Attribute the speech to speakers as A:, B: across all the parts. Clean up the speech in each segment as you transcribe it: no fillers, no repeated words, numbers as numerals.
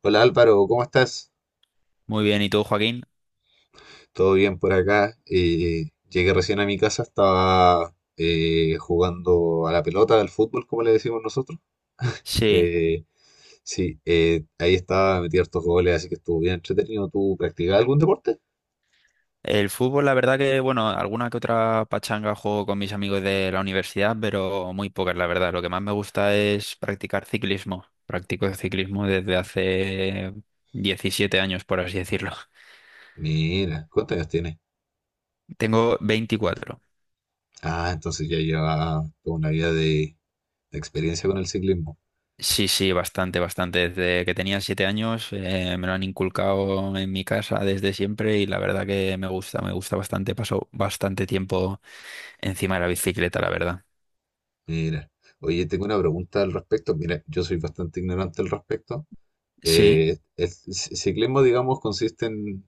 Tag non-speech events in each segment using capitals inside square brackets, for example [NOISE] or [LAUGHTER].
A: Hola Álvaro, ¿cómo estás?
B: Muy bien, ¿y tú, Joaquín?
A: Todo bien por acá. Llegué recién a mi casa, estaba jugando a la pelota, al fútbol, como le decimos nosotros.
B: Sí,
A: Eh, sí, Ahí estaba, metí hartos goles, así que estuvo bien entretenido. ¿Tú practicabas algún deporte?
B: el fútbol, la verdad que, bueno, alguna que otra pachanga juego con mis amigos de la universidad, pero muy pocas, la verdad. Lo que más me gusta es practicar ciclismo. Practico ciclismo desde hace 17 años, por así decirlo.
A: Mira, ¿cuántos años tienes?
B: [LAUGHS] Tengo 24.
A: Ah, entonces ya lleva toda una vida de experiencia con el ciclismo.
B: Sí, sí, bastante, bastante. Desde que tenía 7 años, me lo han inculcado en mi casa desde siempre y la verdad que me gusta bastante. Paso bastante tiempo encima de la bicicleta, la verdad.
A: Mira, oye, tengo una pregunta al respecto. Mira, yo soy bastante ignorante al respecto.
B: Sí.
A: Ciclismo, digamos, consiste en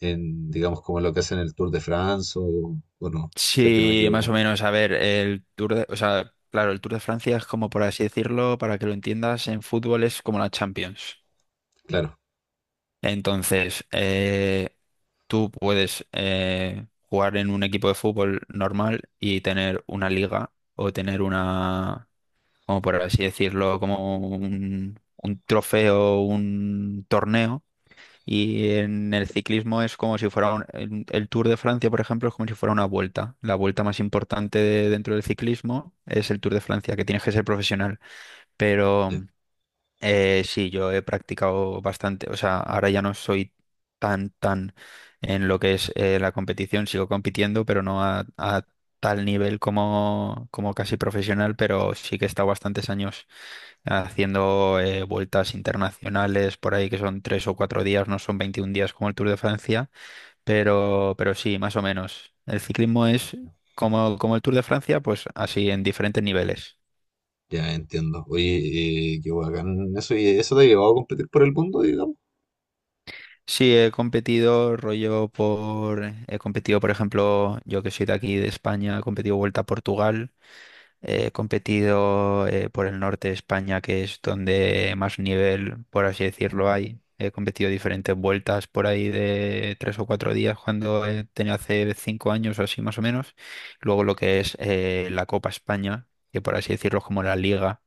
A: en, digamos, como lo que hacen en el Tour de France, o no, sé que no me
B: Sí, más o
A: equivoco.
B: menos. A ver, el Tour de, o sea, claro, el Tour de Francia es como, por así decirlo, para que lo entiendas, en fútbol es como la Champions.
A: Claro,
B: Entonces, tú puedes jugar en un equipo de fútbol normal y tener una liga o tener una, como por así decirlo, como un trofeo, un torneo y en el ciclismo es como si fuera el Tour de Francia, por ejemplo, es como si fuera una vuelta. La vuelta más importante dentro del ciclismo es el Tour de Francia, que tienes que ser profesional. Pero
A: ya,
B: sí, yo he practicado bastante. O sea, ahora ya no soy tan en lo que es la competición. Sigo compitiendo, pero no a tal nivel como, como casi profesional. Pero sí que he estado bastantes años haciendo vueltas internacionales por ahí que son 3 o 4 días, no son 21 días como el Tour de Francia, pero sí, más o menos. El ciclismo es como, como el Tour de Francia, pues así en diferentes niveles.
A: ya entiendo. Oye, qué bacán eso, y eso te ha llevado a competir por el mundo, digamos.
B: Sí, he competido he competido, por ejemplo, yo que soy de aquí de España, he competido Vuelta a Portugal, he competido por el norte de España, que es donde más nivel, por así decirlo, hay. He competido diferentes vueltas por ahí de 3 o 4 días cuando tenía hace 5 años o así más o menos. Luego lo que es la Copa España, que por así decirlo es como la Liga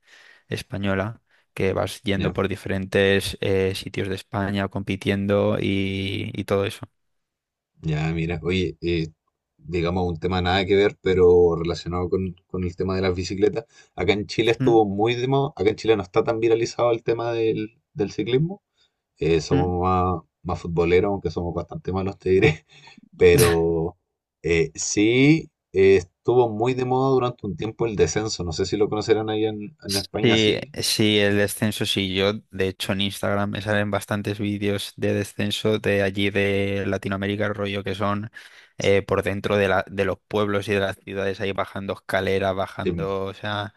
B: Española, que vas yendo
A: Ya,
B: por diferentes sitios de España compitiendo y todo eso.
A: ya, mira, oye, digamos, un tema nada que ver, pero relacionado con el tema de las bicicletas. Acá en Chile
B: ¿Mm?
A: estuvo muy de moda, acá en Chile no está tan viralizado el tema del ciclismo.
B: ¿Mm?
A: Somos más futboleros, aunque somos bastante malos, te diré.
B: [LAUGHS]
A: Pero sí estuvo muy de moda durante un tiempo el descenso. No sé si lo conocerán ahí en España,
B: Sí,
A: sí.
B: sí, el descenso sí. Yo, de hecho, en Instagram me salen bastantes vídeos de descenso de allí de Latinoamérica, el rollo que son por dentro de la, de los pueblos y de las ciudades, ahí bajando escaleras,
A: Em,
B: bajando, o sea,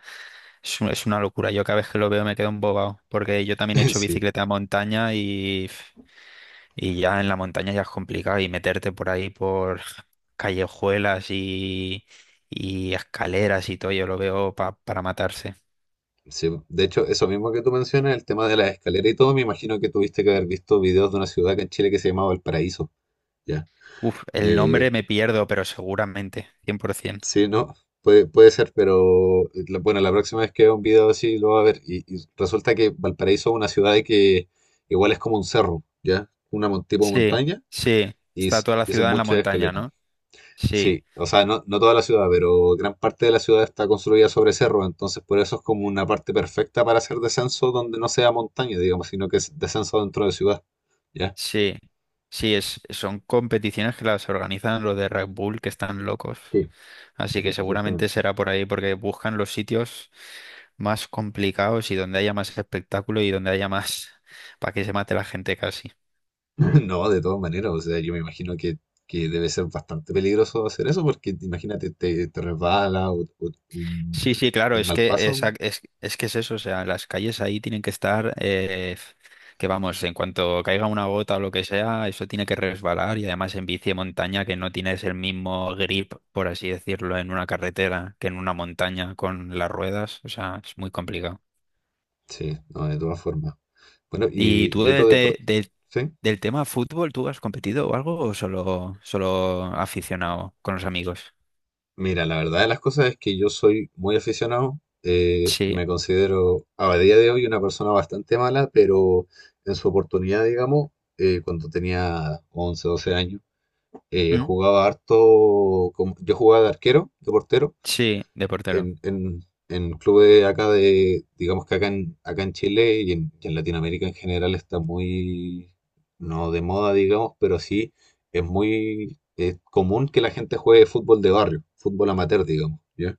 B: es, es una locura. Yo cada vez que lo veo me quedo embobado, porque yo también he hecho
A: [LAUGHS]
B: bicicleta a montaña y ya en la montaña ya es complicado y meterte por ahí por callejuelas y escaleras y todo, yo lo veo para matarse.
A: Sí, sí. De hecho, eso mismo que tú mencionas, el tema de la escalera y todo, me imagino que tuviste que haber visto videos de una ciudad acá en Chile que se llamaba El Paraíso. Ya.
B: Uf, el nombre
A: Eh,
B: me pierdo, pero seguramente, 100%.
A: sí, no. Puede, puede ser, pero bueno, la próxima vez que vea un video así lo va a ver. Y resulta que Valparaíso es una ciudad que igual es como un cerro, ¿ya? Una tipo
B: Sí,
A: montaña
B: sí,
A: y,
B: está toda la
A: y son
B: ciudad en la
A: muchas
B: montaña,
A: escaleras.
B: ¿no? Sí,
A: Sí, o sea, no, no toda la ciudad, pero gran parte de la ciudad está construida sobre cerro, entonces por eso es como una parte perfecta para hacer descenso donde no sea montaña, digamos, sino que es descenso dentro de ciudad, ¿ya?
B: sí, sí, es, son competiciones que las organizan los de Red Bull, que están locos.
A: Sí,
B: Así que seguramente
A: exactamente.
B: será por ahí, porque buscan los sitios más complicados y donde haya más espectáculo y donde haya más [LAUGHS] para que se mate la gente casi.
A: [LAUGHS] No, de todas maneras, o sea, yo me imagino que debe ser bastante peligroso hacer eso, porque imagínate, te resbala, o un,
B: Sí, sí, claro,
A: un
B: es
A: mal
B: que
A: paso.
B: es que es eso, o sea, las calles ahí tienen que estar, que vamos, en cuanto caiga una gota o lo que sea, eso tiene que resbalar y además en bici de montaña que no tienes el mismo grip, por así decirlo, en una carretera que en una montaña con las ruedas, o sea, es muy complicado.
A: Sí, no, de todas formas. Bueno,
B: ¿Y tú
A: y otro deporte, ¿sí?
B: del tema fútbol, tú has competido o algo o solo, solo aficionado con los amigos?
A: Mira, la verdad de las cosas es que yo soy muy aficionado.
B: Sí.
A: Me considero a día de hoy una persona bastante mala, pero en su oportunidad, digamos, cuando tenía 11, 12 años,
B: ¿Mm?
A: jugaba harto, yo jugaba de arquero, de portero,
B: Sí, de portero.
A: en clubes acá de, digamos que acá acá en Chile y y en Latinoamérica en general está muy, no de moda, digamos, pero sí es muy común que la gente juegue fútbol de barrio, fútbol amateur, digamos, ¿ya?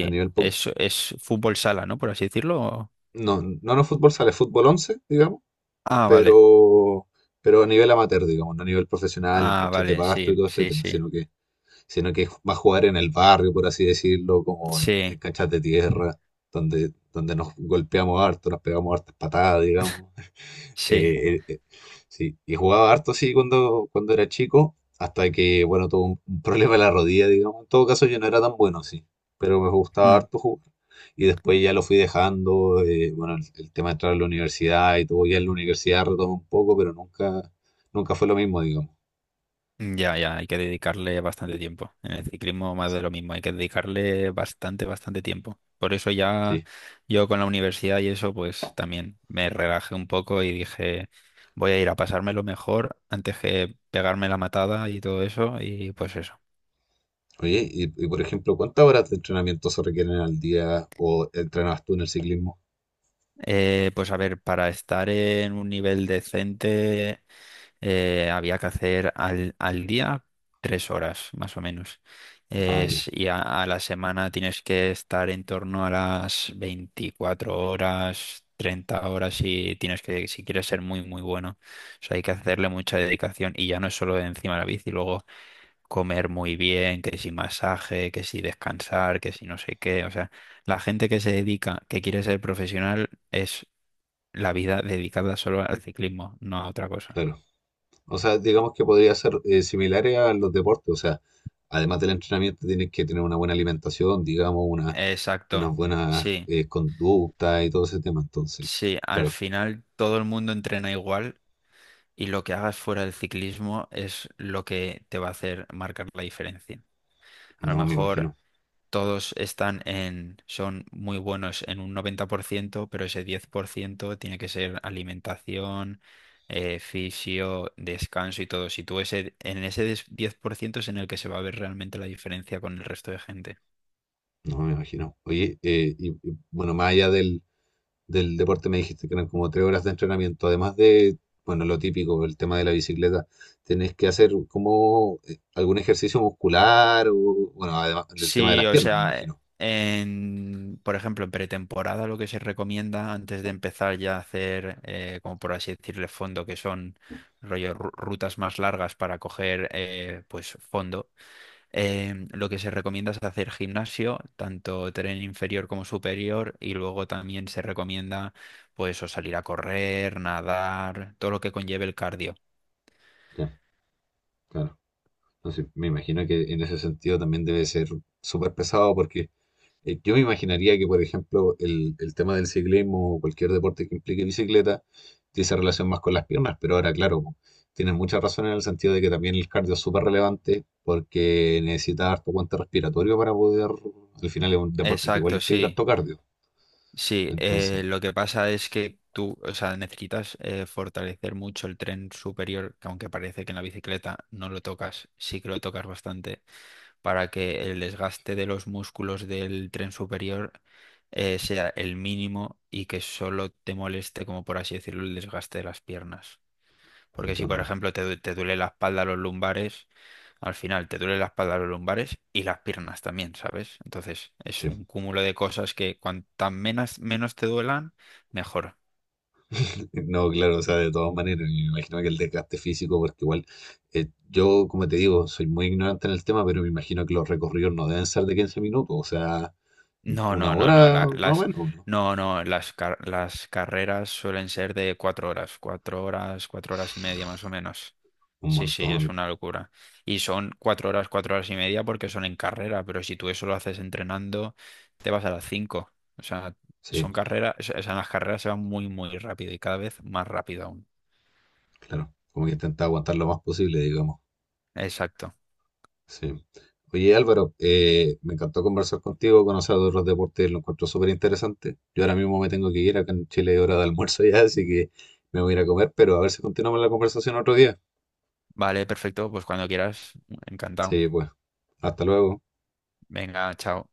A: A nivel,
B: es fútbol sala, ¿no? Por así decirlo.
A: no, no, no fútbol sale, fútbol 11 digamos,
B: Ah, vale.
A: pero, pero a nivel amateur, digamos, no a nivel profesional, en
B: Ah,
A: canchas de
B: vale,
A: pasto y
B: sí,
A: todo este
B: sí,
A: tema,
B: sí.
A: sino que va a jugar en el barrio, por así decirlo, como en
B: Sí,
A: canchas de tierra, donde nos golpeamos harto, nos pegamos hartas patadas, digamos. [LAUGHS]
B: sí.
A: Eh, eh, eh, sí, y jugaba harto sí cuando era chico, hasta que, bueno, tuve un problema en la rodilla, digamos. En todo caso, yo no era tan bueno, sí, pero me gustaba
B: Mm.
A: harto jugar. Y después ya lo fui dejando, bueno, el tema de entrar a la universidad y todo, ya en la universidad retomé un poco, pero nunca, nunca fue lo mismo, digamos.
B: Ya, ya, hay que dedicarle bastante tiempo. En el ciclismo más de lo mismo, hay que dedicarle bastante, bastante tiempo. Por eso ya
A: Sí.
B: yo con la universidad y eso, pues también me relajé un poco y dije, voy a ir a pasármelo mejor antes que pegarme la matada y todo eso. Y pues eso.
A: Oye, y, por ejemplo, ¿cuántas horas de entrenamiento se requieren al día o entrenabas tú en el ciclismo?
B: Pues a ver, para estar en un nivel decente. Había que hacer al día 3 horas, más o menos.
A: Ah, ya,
B: Y a la semana tienes que estar en torno a las 24 horas, 30 horas y tienes que, si quieres ser muy, muy bueno. O sea, hay que hacerle mucha dedicación y ya no es solo encima de la bici, luego comer muy bien, que si masaje, que si descansar, que si no sé qué. O sea, la gente que se dedica, que quiere ser profesional, es la vida dedicada solo al ciclismo, no a otra cosa.
A: claro. O sea, digamos que podría ser similares a los deportes. O sea, además del entrenamiento tienes que tener una buena alimentación, digamos, una,
B: Exacto,
A: unas buenas
B: sí,
A: conductas y todo ese tema. Entonces,
B: sí, al
A: claro,
B: final todo el mundo entrena igual y lo que hagas fuera del ciclismo es lo que te va a hacer marcar la diferencia. A lo
A: no me
B: mejor
A: imagino,
B: todos están en, son muy buenos en un 90%, pero ese 10% tiene que ser alimentación, fisio, descanso y todo. Si tú ese, en ese 10% es en el que se va a ver realmente la diferencia con el resto de gente.
A: no me imagino. Oye, y, bueno, más allá del deporte me dijiste que eran como tres horas de entrenamiento, además de, bueno, lo típico, el tema de la bicicleta, tenés que hacer como algún ejercicio muscular o, bueno, además el tema de
B: Sí,
A: las
B: o
A: piernas, me
B: sea,
A: imagino.
B: en, por ejemplo, en pretemporada lo que se recomienda antes de empezar ya a hacer, como por así decirle, fondo, que son rollo rutas más largas para coger pues fondo, lo que se recomienda es hacer gimnasio, tanto tren inferior como superior, y luego también se recomienda pues o salir a correr, nadar, todo lo que conlleve el cardio.
A: Ya, claro. Entonces, me imagino que en ese sentido también debe ser súper pesado porque yo me imaginaría que, por ejemplo, el tema del ciclismo o cualquier deporte que implique bicicleta tiene esa relación más con las piernas, pero ahora, claro, po, tienen mucha razón en el sentido de que también el cardio es súper relevante porque necesita harto aguante respiratorio para poder, al final es un deporte que igual
B: Exacto,
A: implica
B: sí.
A: harto cardio.
B: Sí,
A: Entonces,
B: lo que pasa es que tú, o sea, necesitas fortalecer mucho el tren superior, que aunque parece que en la bicicleta no lo tocas, sí que lo tocas bastante, para que el desgaste de los músculos del tren superior sea el mínimo y que solo te moleste, como por así decirlo, el desgaste de las piernas. Porque si, por
A: entiendo.
B: ejemplo, te duele la espalda, los lumbares, al final te duele la espalda, los lumbares y las piernas también, ¿sabes? Entonces es
A: Sí.
B: un cúmulo de cosas que cuantas menos, menos te duelan, mejor.
A: No, claro, o sea, de todas maneras, me imagino que el desgaste físico, porque igual yo, como te digo, soy muy ignorante en el tema, pero me imagino que los recorridos no deben ser de 15 minutos, o sea,
B: No,
A: una
B: no, no, no.
A: hora más o menos, ¿no?
B: No, no. Las, las carreras suelen ser de 4 horas, 4 horas, 4 horas y media más o menos.
A: Un
B: Sí, sí,
A: montón,
B: es una locura. Y son 4 horas, cuatro horas y media porque son en carrera, pero si tú eso lo haces entrenando, te vas a las 5. O sea,
A: sí,
B: son carreras, o sea, las carreras se van muy, muy rápido y cada vez más rápido aún.
A: claro, como que intentar aguantar lo más posible, digamos,
B: Exacto.
A: sí. Oye, Álvaro, me encantó conversar contigo, conocer de otros deportes, lo encuentro súper interesante. Yo ahora mismo me tengo que ir, acá en Chile es hora de almuerzo ya, así que me voy a ir a comer, pero a ver si continuamos la conversación otro día.
B: Vale, perfecto. Pues cuando quieras, encantado.
A: Sí, pues, hasta luego.
B: Venga, chao.